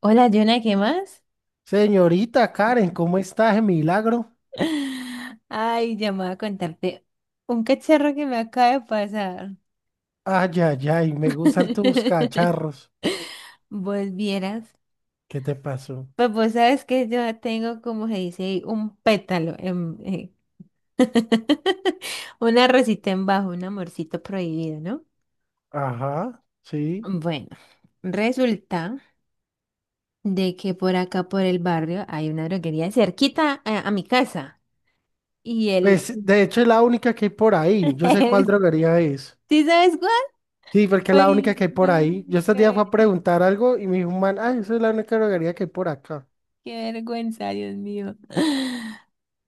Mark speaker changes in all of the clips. Speaker 1: Hola, Jonah, ¿qué más?
Speaker 2: Señorita Karen, ¿cómo estás? De Milagro.
Speaker 1: Ay, ya me voy a contarte un cacharro que me acaba de pasar.
Speaker 2: Ay, ay, ay, me gustan tus cacharros.
Speaker 1: Vos vieras.
Speaker 2: ¿Qué te pasó?
Speaker 1: Pues vos sabes que yo tengo, como se dice, un pétalo, una rosita en bajo, un amorcito prohibido, ¿no?
Speaker 2: Ajá, sí.
Speaker 1: Bueno, resulta de que por acá, por el barrio, hay una droguería cerquita a mi casa. Y él,
Speaker 2: Pues, de hecho, es la única que hay por ahí. Yo sé cuál
Speaker 1: Ujú.
Speaker 2: droguería es.
Speaker 1: ¿Sí sabes cuál?
Speaker 2: Sí, porque es la única
Speaker 1: Ay,
Speaker 2: que hay por
Speaker 1: no.
Speaker 2: ahí. Yo estos días fui a preguntar algo y me dijo un man, ay, esa es la única droguería que hay por acá.
Speaker 1: Qué vergüenza, Dios mío.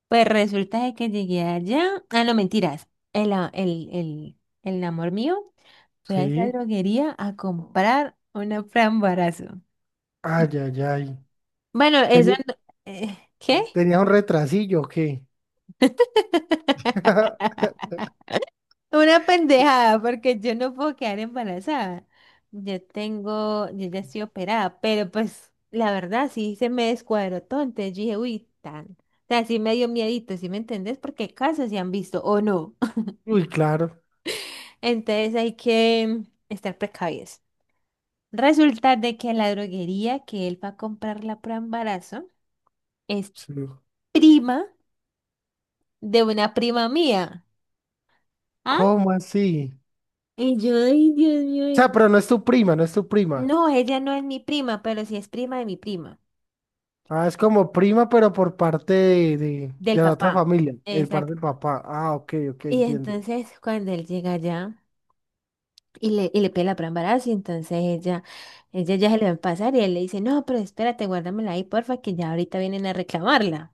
Speaker 1: Pues resulta de que llegué allá. Ah, no, mentiras. El amor mío fue a esa
Speaker 2: Sí.
Speaker 1: droguería a comprar una frambarazo.
Speaker 2: Ay, ay, ay.
Speaker 1: Bueno, eso
Speaker 2: Teni-
Speaker 1: no- ¿qué?
Speaker 2: ¿Tenías un retrasillo o qué?
Speaker 1: Una pendejada, porque yo no puedo quedar embarazada. Yo tengo, yo ya estoy operada, pero pues la verdad sí se me descuadró todo. Entonces yo dije, uy, tan. O sea, sí me dio miedito, ¿sí me entendés? Porque casos se han visto o no.
Speaker 2: Uy, claro.
Speaker 1: Entonces hay que estar precavidos. Resulta de que la droguería que él va a comprar la prueba de embarazo es
Speaker 2: Sí.
Speaker 1: prima de una prima mía. ¿Ah?
Speaker 2: ¿Cómo así?
Speaker 1: Y yo, ay, Dios mío.
Speaker 2: O sea,
Speaker 1: En-
Speaker 2: pero no es tu prima, no es tu prima.
Speaker 1: No, ella no es mi prima, pero sí es prima de mi prima,
Speaker 2: Ah, es como prima, pero por parte de, de,
Speaker 1: del
Speaker 2: de la otra
Speaker 1: papá.
Speaker 2: familia, el par del
Speaker 1: Exacto.
Speaker 2: papá. Ah, ok, ok,
Speaker 1: Y
Speaker 2: entiendo.
Speaker 1: entonces cuando él llega allá y le pide la prueba de embarazo, y entonces ella ya se le va a pasar y él le dice, no, pero espérate, guárdamela ahí, porfa, que ya ahorita vienen a reclamarla.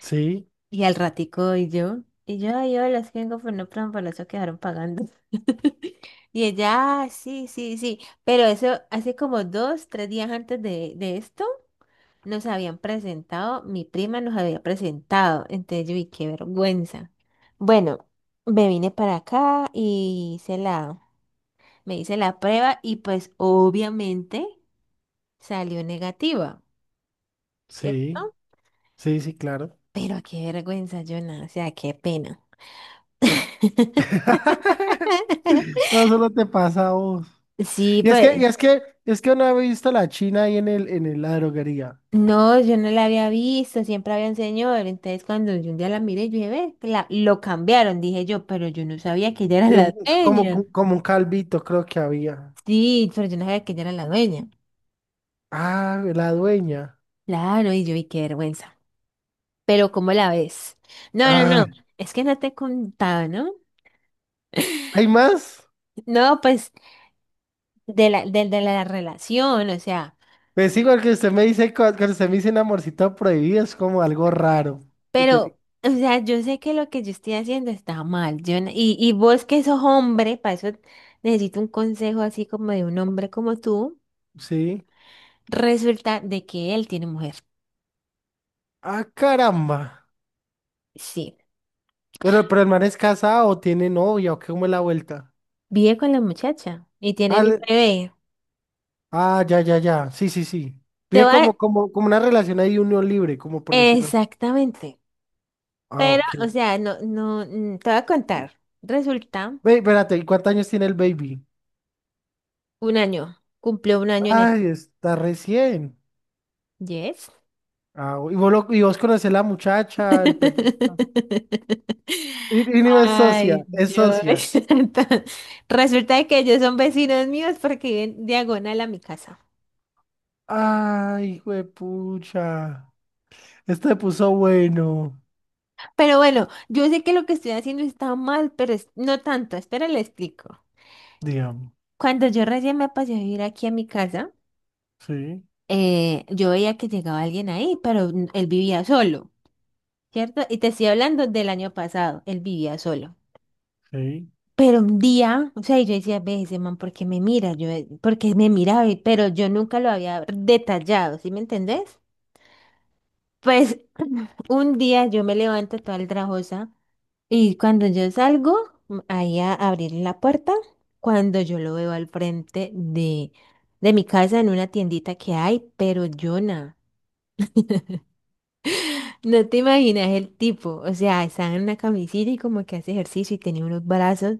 Speaker 2: Sí,
Speaker 1: Y al ratico, y yo, yo las vengo por no plan, por eso quedaron pagando. Y ella, "Ah, sí, sí, sí, pero eso hace como 2, 3 días antes de esto, nos habían presentado, mi prima nos había presentado, entonces yo, y qué vergüenza. Bueno, me vine para acá y hice la, me hice la prueba y pues obviamente salió negativa,
Speaker 2: sí,
Speaker 1: ¿cierto?
Speaker 2: sí, sí, claro.
Speaker 1: Pero qué vergüenza, Jonah, o sea, qué pena.
Speaker 2: No, solo te pasa a vos.
Speaker 1: Sí, pues.
Speaker 2: Es que no he visto a la China ahí en la droguería.
Speaker 1: No, yo no la había visto, siempre había un señor. Entonces, cuando yo un día la miré, yo dije, ve, la, lo cambiaron, dije yo, pero yo no sabía que ella era
Speaker 2: Sí,
Speaker 1: la
Speaker 2: como,
Speaker 1: dueña.
Speaker 2: como un calvito, creo que había.
Speaker 1: Sí, pero yo no sabía que ella era la dueña.
Speaker 2: Ah, la dueña.
Speaker 1: Claro, y yo, y qué vergüenza. Pero, ¿cómo la ves? No, no,
Speaker 2: Ah,
Speaker 1: no, es que no te he contado, ¿no?
Speaker 2: ¿hay más?
Speaker 1: No, pues, de la relación, o sea,
Speaker 2: Pues igual que usted me dice, cuando usted me dice un amorcito prohibido, es como algo raro. Tiene-
Speaker 1: pero, o sea, yo sé que lo que yo estoy haciendo está mal. Yo, y vos que sos hombre, para eso necesito un consejo así como de un hombre como tú.
Speaker 2: Sí.
Speaker 1: Resulta de que él tiene mujer.
Speaker 2: Ah, caramba.
Speaker 1: Sí,
Speaker 2: Pero el man es casado o tiene novia o qué, cómo es la vuelta.
Speaker 1: vive con la muchacha y
Speaker 2: Ah,
Speaker 1: tienen un
Speaker 2: le-
Speaker 1: bebé.
Speaker 2: ah, ya, ya, ya. Sí, sí, sí.
Speaker 1: Te
Speaker 2: Vive
Speaker 1: va
Speaker 2: como, como, como una relación ahí unión libre, como por decirlo. Así.
Speaker 1: exactamente.
Speaker 2: Ah,
Speaker 1: Pero,
Speaker 2: ok.
Speaker 1: o sea, no, no, te voy a contar. Resulta,
Speaker 2: Ve, espérate, ¿y cuántos años tiene el baby?
Speaker 1: un año, cumplió un año en el...
Speaker 2: Ay, está recién.
Speaker 1: Yes.
Speaker 2: Ah, y vos, y vos conocés la muchacha, el pelado. Y no es socia,
Speaker 1: Ay,
Speaker 2: es socia.
Speaker 1: Dios. Entonces, resulta de que ellos son vecinos míos porque viven diagonal a mi casa.
Speaker 2: Ay, hijo de pucha. Este se puso bueno,
Speaker 1: Pero bueno, yo sé que lo que estoy haciendo está mal, pero es- no tanto. Espera, le explico.
Speaker 2: digamos.
Speaker 1: Cuando yo recién me pasé a vivir aquí a mi casa,
Speaker 2: Sí,
Speaker 1: yo veía que llegaba alguien ahí, pero n- él vivía solo, ¿cierto? Y te estoy hablando del año pasado, él vivía solo.
Speaker 2: sí.
Speaker 1: Pero un día, o sea, y yo decía, ve ese man, ¿por qué me mira? Yo, ¿por qué me miraba? Y- Pero yo nunca lo había detallado, ¿sí me entendés? Pues un día yo me levanto toda trabajosa y cuando yo salgo ahí a abrir la puerta, cuando yo lo veo al frente de, mi casa en una tiendita que hay, pero Jonah, no te imaginas el tipo, o sea, está en una camisita y como que hace ejercicio y tiene unos brazos.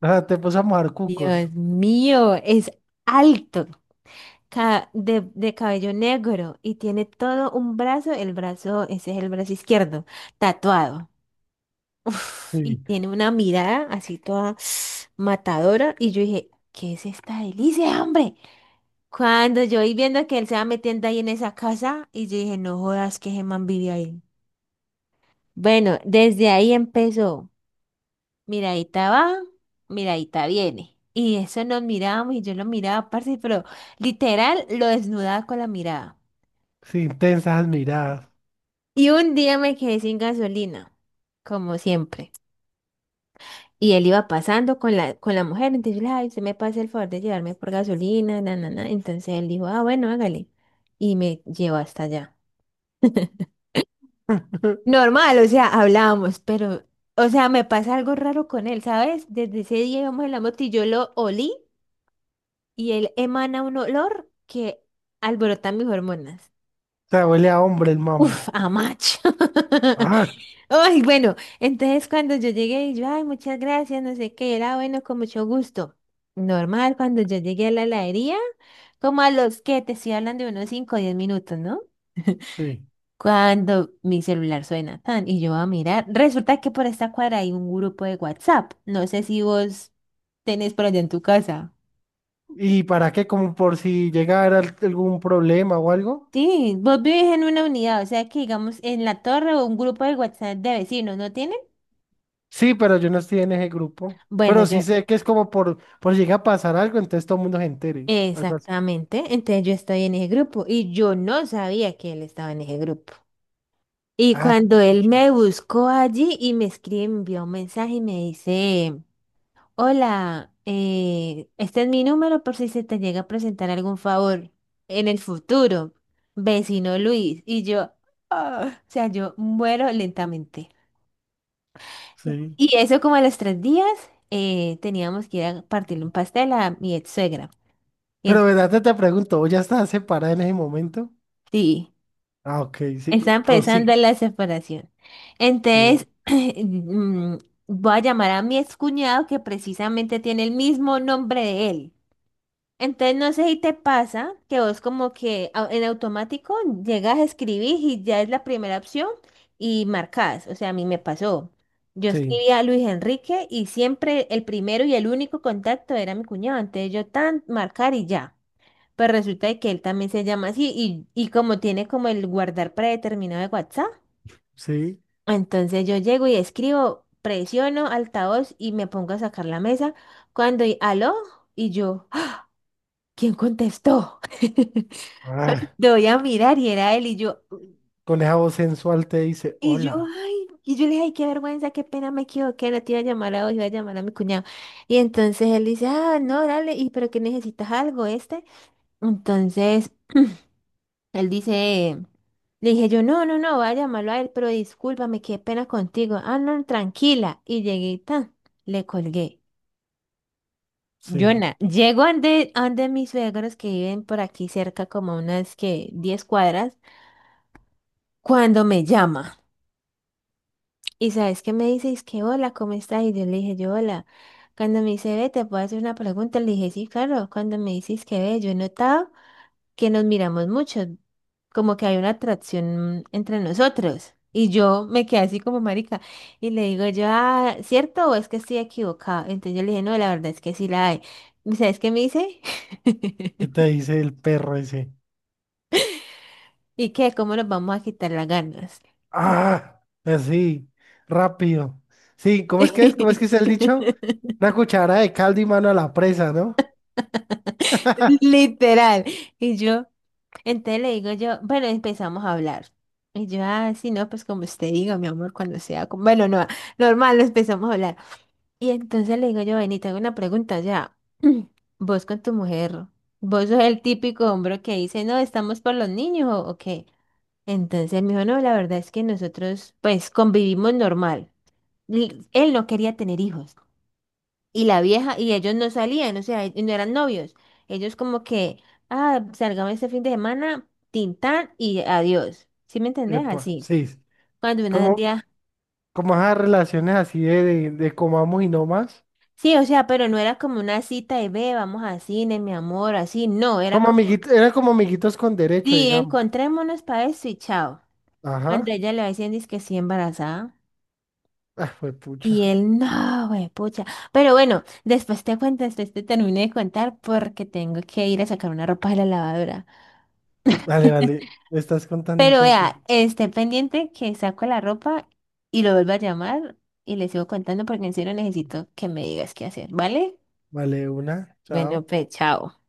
Speaker 2: Ah, te puso a mojar cucos.
Speaker 1: Dios mío, es alto, de cabello negro y tiene todo un brazo, el brazo, ese es el brazo izquierdo, tatuado. Uf, y
Speaker 2: Sí.
Speaker 1: tiene una mirada así toda matadora. Y yo dije, ¿qué es esta delicia, hombre? Cuando yo vi viendo que él se va metiendo ahí en esa casa, y yo dije, no jodas que ese man vive ahí. Bueno, desde ahí empezó. Miradita va, miradita viene. Y eso nos mirábamos y yo lo miraba, parce, pero literal lo desnudaba con la mirada.
Speaker 2: Sí, intensas miradas.
Speaker 1: Y un día me quedé sin gasolina, como siempre. Y él iba pasando con la mujer, entonces yo le dije, ay, usted me pasa el favor de llevarme por gasolina, na, na, na". Entonces él dijo, ah, bueno, hágale. Y me llevó hasta allá. Normal, o sea, hablábamos, pero, o sea, me pasa algo raro con él, ¿sabes? Desde ese día íbamos en la moto y yo lo olí y él emana un olor que alborota mis hormonas.
Speaker 2: O sea, huele a hombre el mamo.
Speaker 1: Uf, a macho.
Speaker 2: Ah,
Speaker 1: Ay, bueno, entonces cuando yo llegué, y yo, ay, muchas gracias, no sé qué, era bueno, con mucho gusto. Normal, cuando yo llegué a la heladería, como a los que te estoy hablando de unos cinco, o 10 minutos, ¿no?
Speaker 2: sí.
Speaker 1: Cuando mi celular suena tan y yo voy a mirar, resulta que por esta cuadra hay un grupo de WhatsApp. No sé si vos tenés por allá en tu casa.
Speaker 2: ¿Y para qué? Como por si llegara algún problema o algo.
Speaker 1: Sí, vos vivís en una unidad, o sea que digamos en la torre o un grupo de WhatsApp de vecinos, ¿no tienen?
Speaker 2: Sí, pero yo no estoy en ese grupo.
Speaker 1: Bueno,
Speaker 2: Pero sí
Speaker 1: yo,
Speaker 2: sé que es como por si llega a pasar algo, entonces todo el mundo se entere. Algo así.
Speaker 1: exactamente. Entonces yo estoy en ese grupo y yo no sabía que él estaba en ese grupo. Y
Speaker 2: Ah,
Speaker 1: cuando él
Speaker 2: pucha,
Speaker 1: me buscó allí y me escribe, me envió un mensaje y me dice, hola, este es mi número por si se te llega a presentar algún favor en el futuro, vecino Luis. Y yo, ah, o sea, yo muero lentamente.
Speaker 2: sí.
Speaker 1: Y eso como a los 3 días teníamos que ir a partirle un pastel a mi ex suegra. Y, en-
Speaker 2: Pero verdad te, te pregunto, ¿vos ya estás separada en ese momento?
Speaker 1: sí.
Speaker 2: Ah, ok, sí,
Speaker 1: Está empezando
Speaker 2: prosigue.
Speaker 1: la separación.
Speaker 2: que-
Speaker 1: Entonces, voy a llamar a mi excuñado que precisamente tiene el mismo nombre de él. Entonces, no sé si te pasa que vos como que en automático llegas a escribir y ya es la primera opción y marcas. O sea, a mí me pasó. Yo
Speaker 2: Sí,
Speaker 1: escribía a Luis Enrique y siempre el primero y el único contacto era mi cuñado. Entonces, yo tan marcar y ya. Pues resulta de que él también se llama así y como tiene como el guardar predeterminado de WhatsApp,
Speaker 2: sí.
Speaker 1: entonces yo llego y escribo, presiono altavoz y me pongo a sacar la mesa. Cuando, aló, y yo, ¡ah! ¿Quién contestó?
Speaker 2: Ah,
Speaker 1: Doy a mirar y era él y yo,
Speaker 2: con esa voz sensual te dice, hola.
Speaker 1: y yo le dije, ay, qué vergüenza, qué pena, me equivoqué, no te iba a llamar a vos, iba a llamar a mi cuñado. Y entonces él dice, ah, no, dale, y pero que necesitas algo este. Entonces él dice, le dije yo, no, no, no, voy a llamarlo a él, pero discúlpame, qué pena contigo. Ah, no, tranquila. Y llegué y tan, le colgué.
Speaker 2: Sí.
Speaker 1: Yona, llego ande, ande mis suegros que viven por aquí cerca, como unas que 10 cuadras, cuando me llama. Y sabes qué me dice, es que hola, ¿cómo estás? Y yo le dije yo, hola. Cuando me dice, ve, te puedo hacer una pregunta, le dije, sí, claro. Cuando me dices que ve, yo he notado. Que nos miramos mucho, como que hay una atracción entre nosotros. Y yo me quedé así como marica y le digo yo, ah, ¿cierto o es que estoy equivocada? Entonces yo le dije, no, la verdad es que sí la hay. ¿Y sabes qué me dice?
Speaker 2: ¿Qué te dice el perro ese?
Speaker 1: ¿Y qué? ¿Cómo nos vamos a quitar las ganas?
Speaker 2: Ah, así, rápido. Sí, ¿cómo es que es? ¿Cómo es
Speaker 1: Oye.
Speaker 2: que es el dicho? Una cuchara de caldo y mano a la presa, ¿no?
Speaker 1: Literal. Y yo, entonces le digo yo, bueno, empezamos a hablar. Y yo, ah, sí, no, pues como usted diga, mi amor, cuando sea, como- bueno, no, normal, nos empezamos a hablar. Y entonces le digo yo, ven y te hago una pregunta ya. Vos con tu mujer, vos sos el típico hombre que dice, no, estamos por los niños o qué. Entonces él me dijo, no, la verdad es que nosotros pues convivimos normal. L- Él no quería tener hijos. Y la vieja, y ellos no salían, o sea, y no eran novios. Ellos como que, ah, salgamos este fin de semana, tintán y adiós. ¿Sí me entendés?
Speaker 2: Epa,
Speaker 1: Así.
Speaker 2: sí.
Speaker 1: Cuando una
Speaker 2: Como,
Speaker 1: día...
Speaker 2: como esas relaciones así de, de comamos y no más.
Speaker 1: Sí, o sea, pero no era como una cita de ve, vamos a cine, mi amor, así, no, era
Speaker 2: Como
Speaker 1: como
Speaker 2: amiguitos, era como amiguitos con derecho,
Speaker 1: Sí,
Speaker 2: digamos.
Speaker 1: encontrémonos para eso y chao. Cuando
Speaker 2: Ajá.
Speaker 1: ella le va diciendo es que sí embarazada.
Speaker 2: Ah, fue
Speaker 1: Y
Speaker 2: pucha.
Speaker 1: él, no, güey, pucha. Pero bueno, después te cuento, después te termino de contar porque tengo que ir a sacar una ropa de la lavadora.
Speaker 2: Vale, vale. ¿Me estás contando
Speaker 1: Pero
Speaker 2: entonces?
Speaker 1: vea, esté pendiente que saco la ropa y lo vuelvo a llamar y le sigo contando porque en serio necesito que me digas qué hacer, ¿vale?
Speaker 2: Vale, una.
Speaker 1: Bueno,
Speaker 2: Chao.
Speaker 1: pues chao.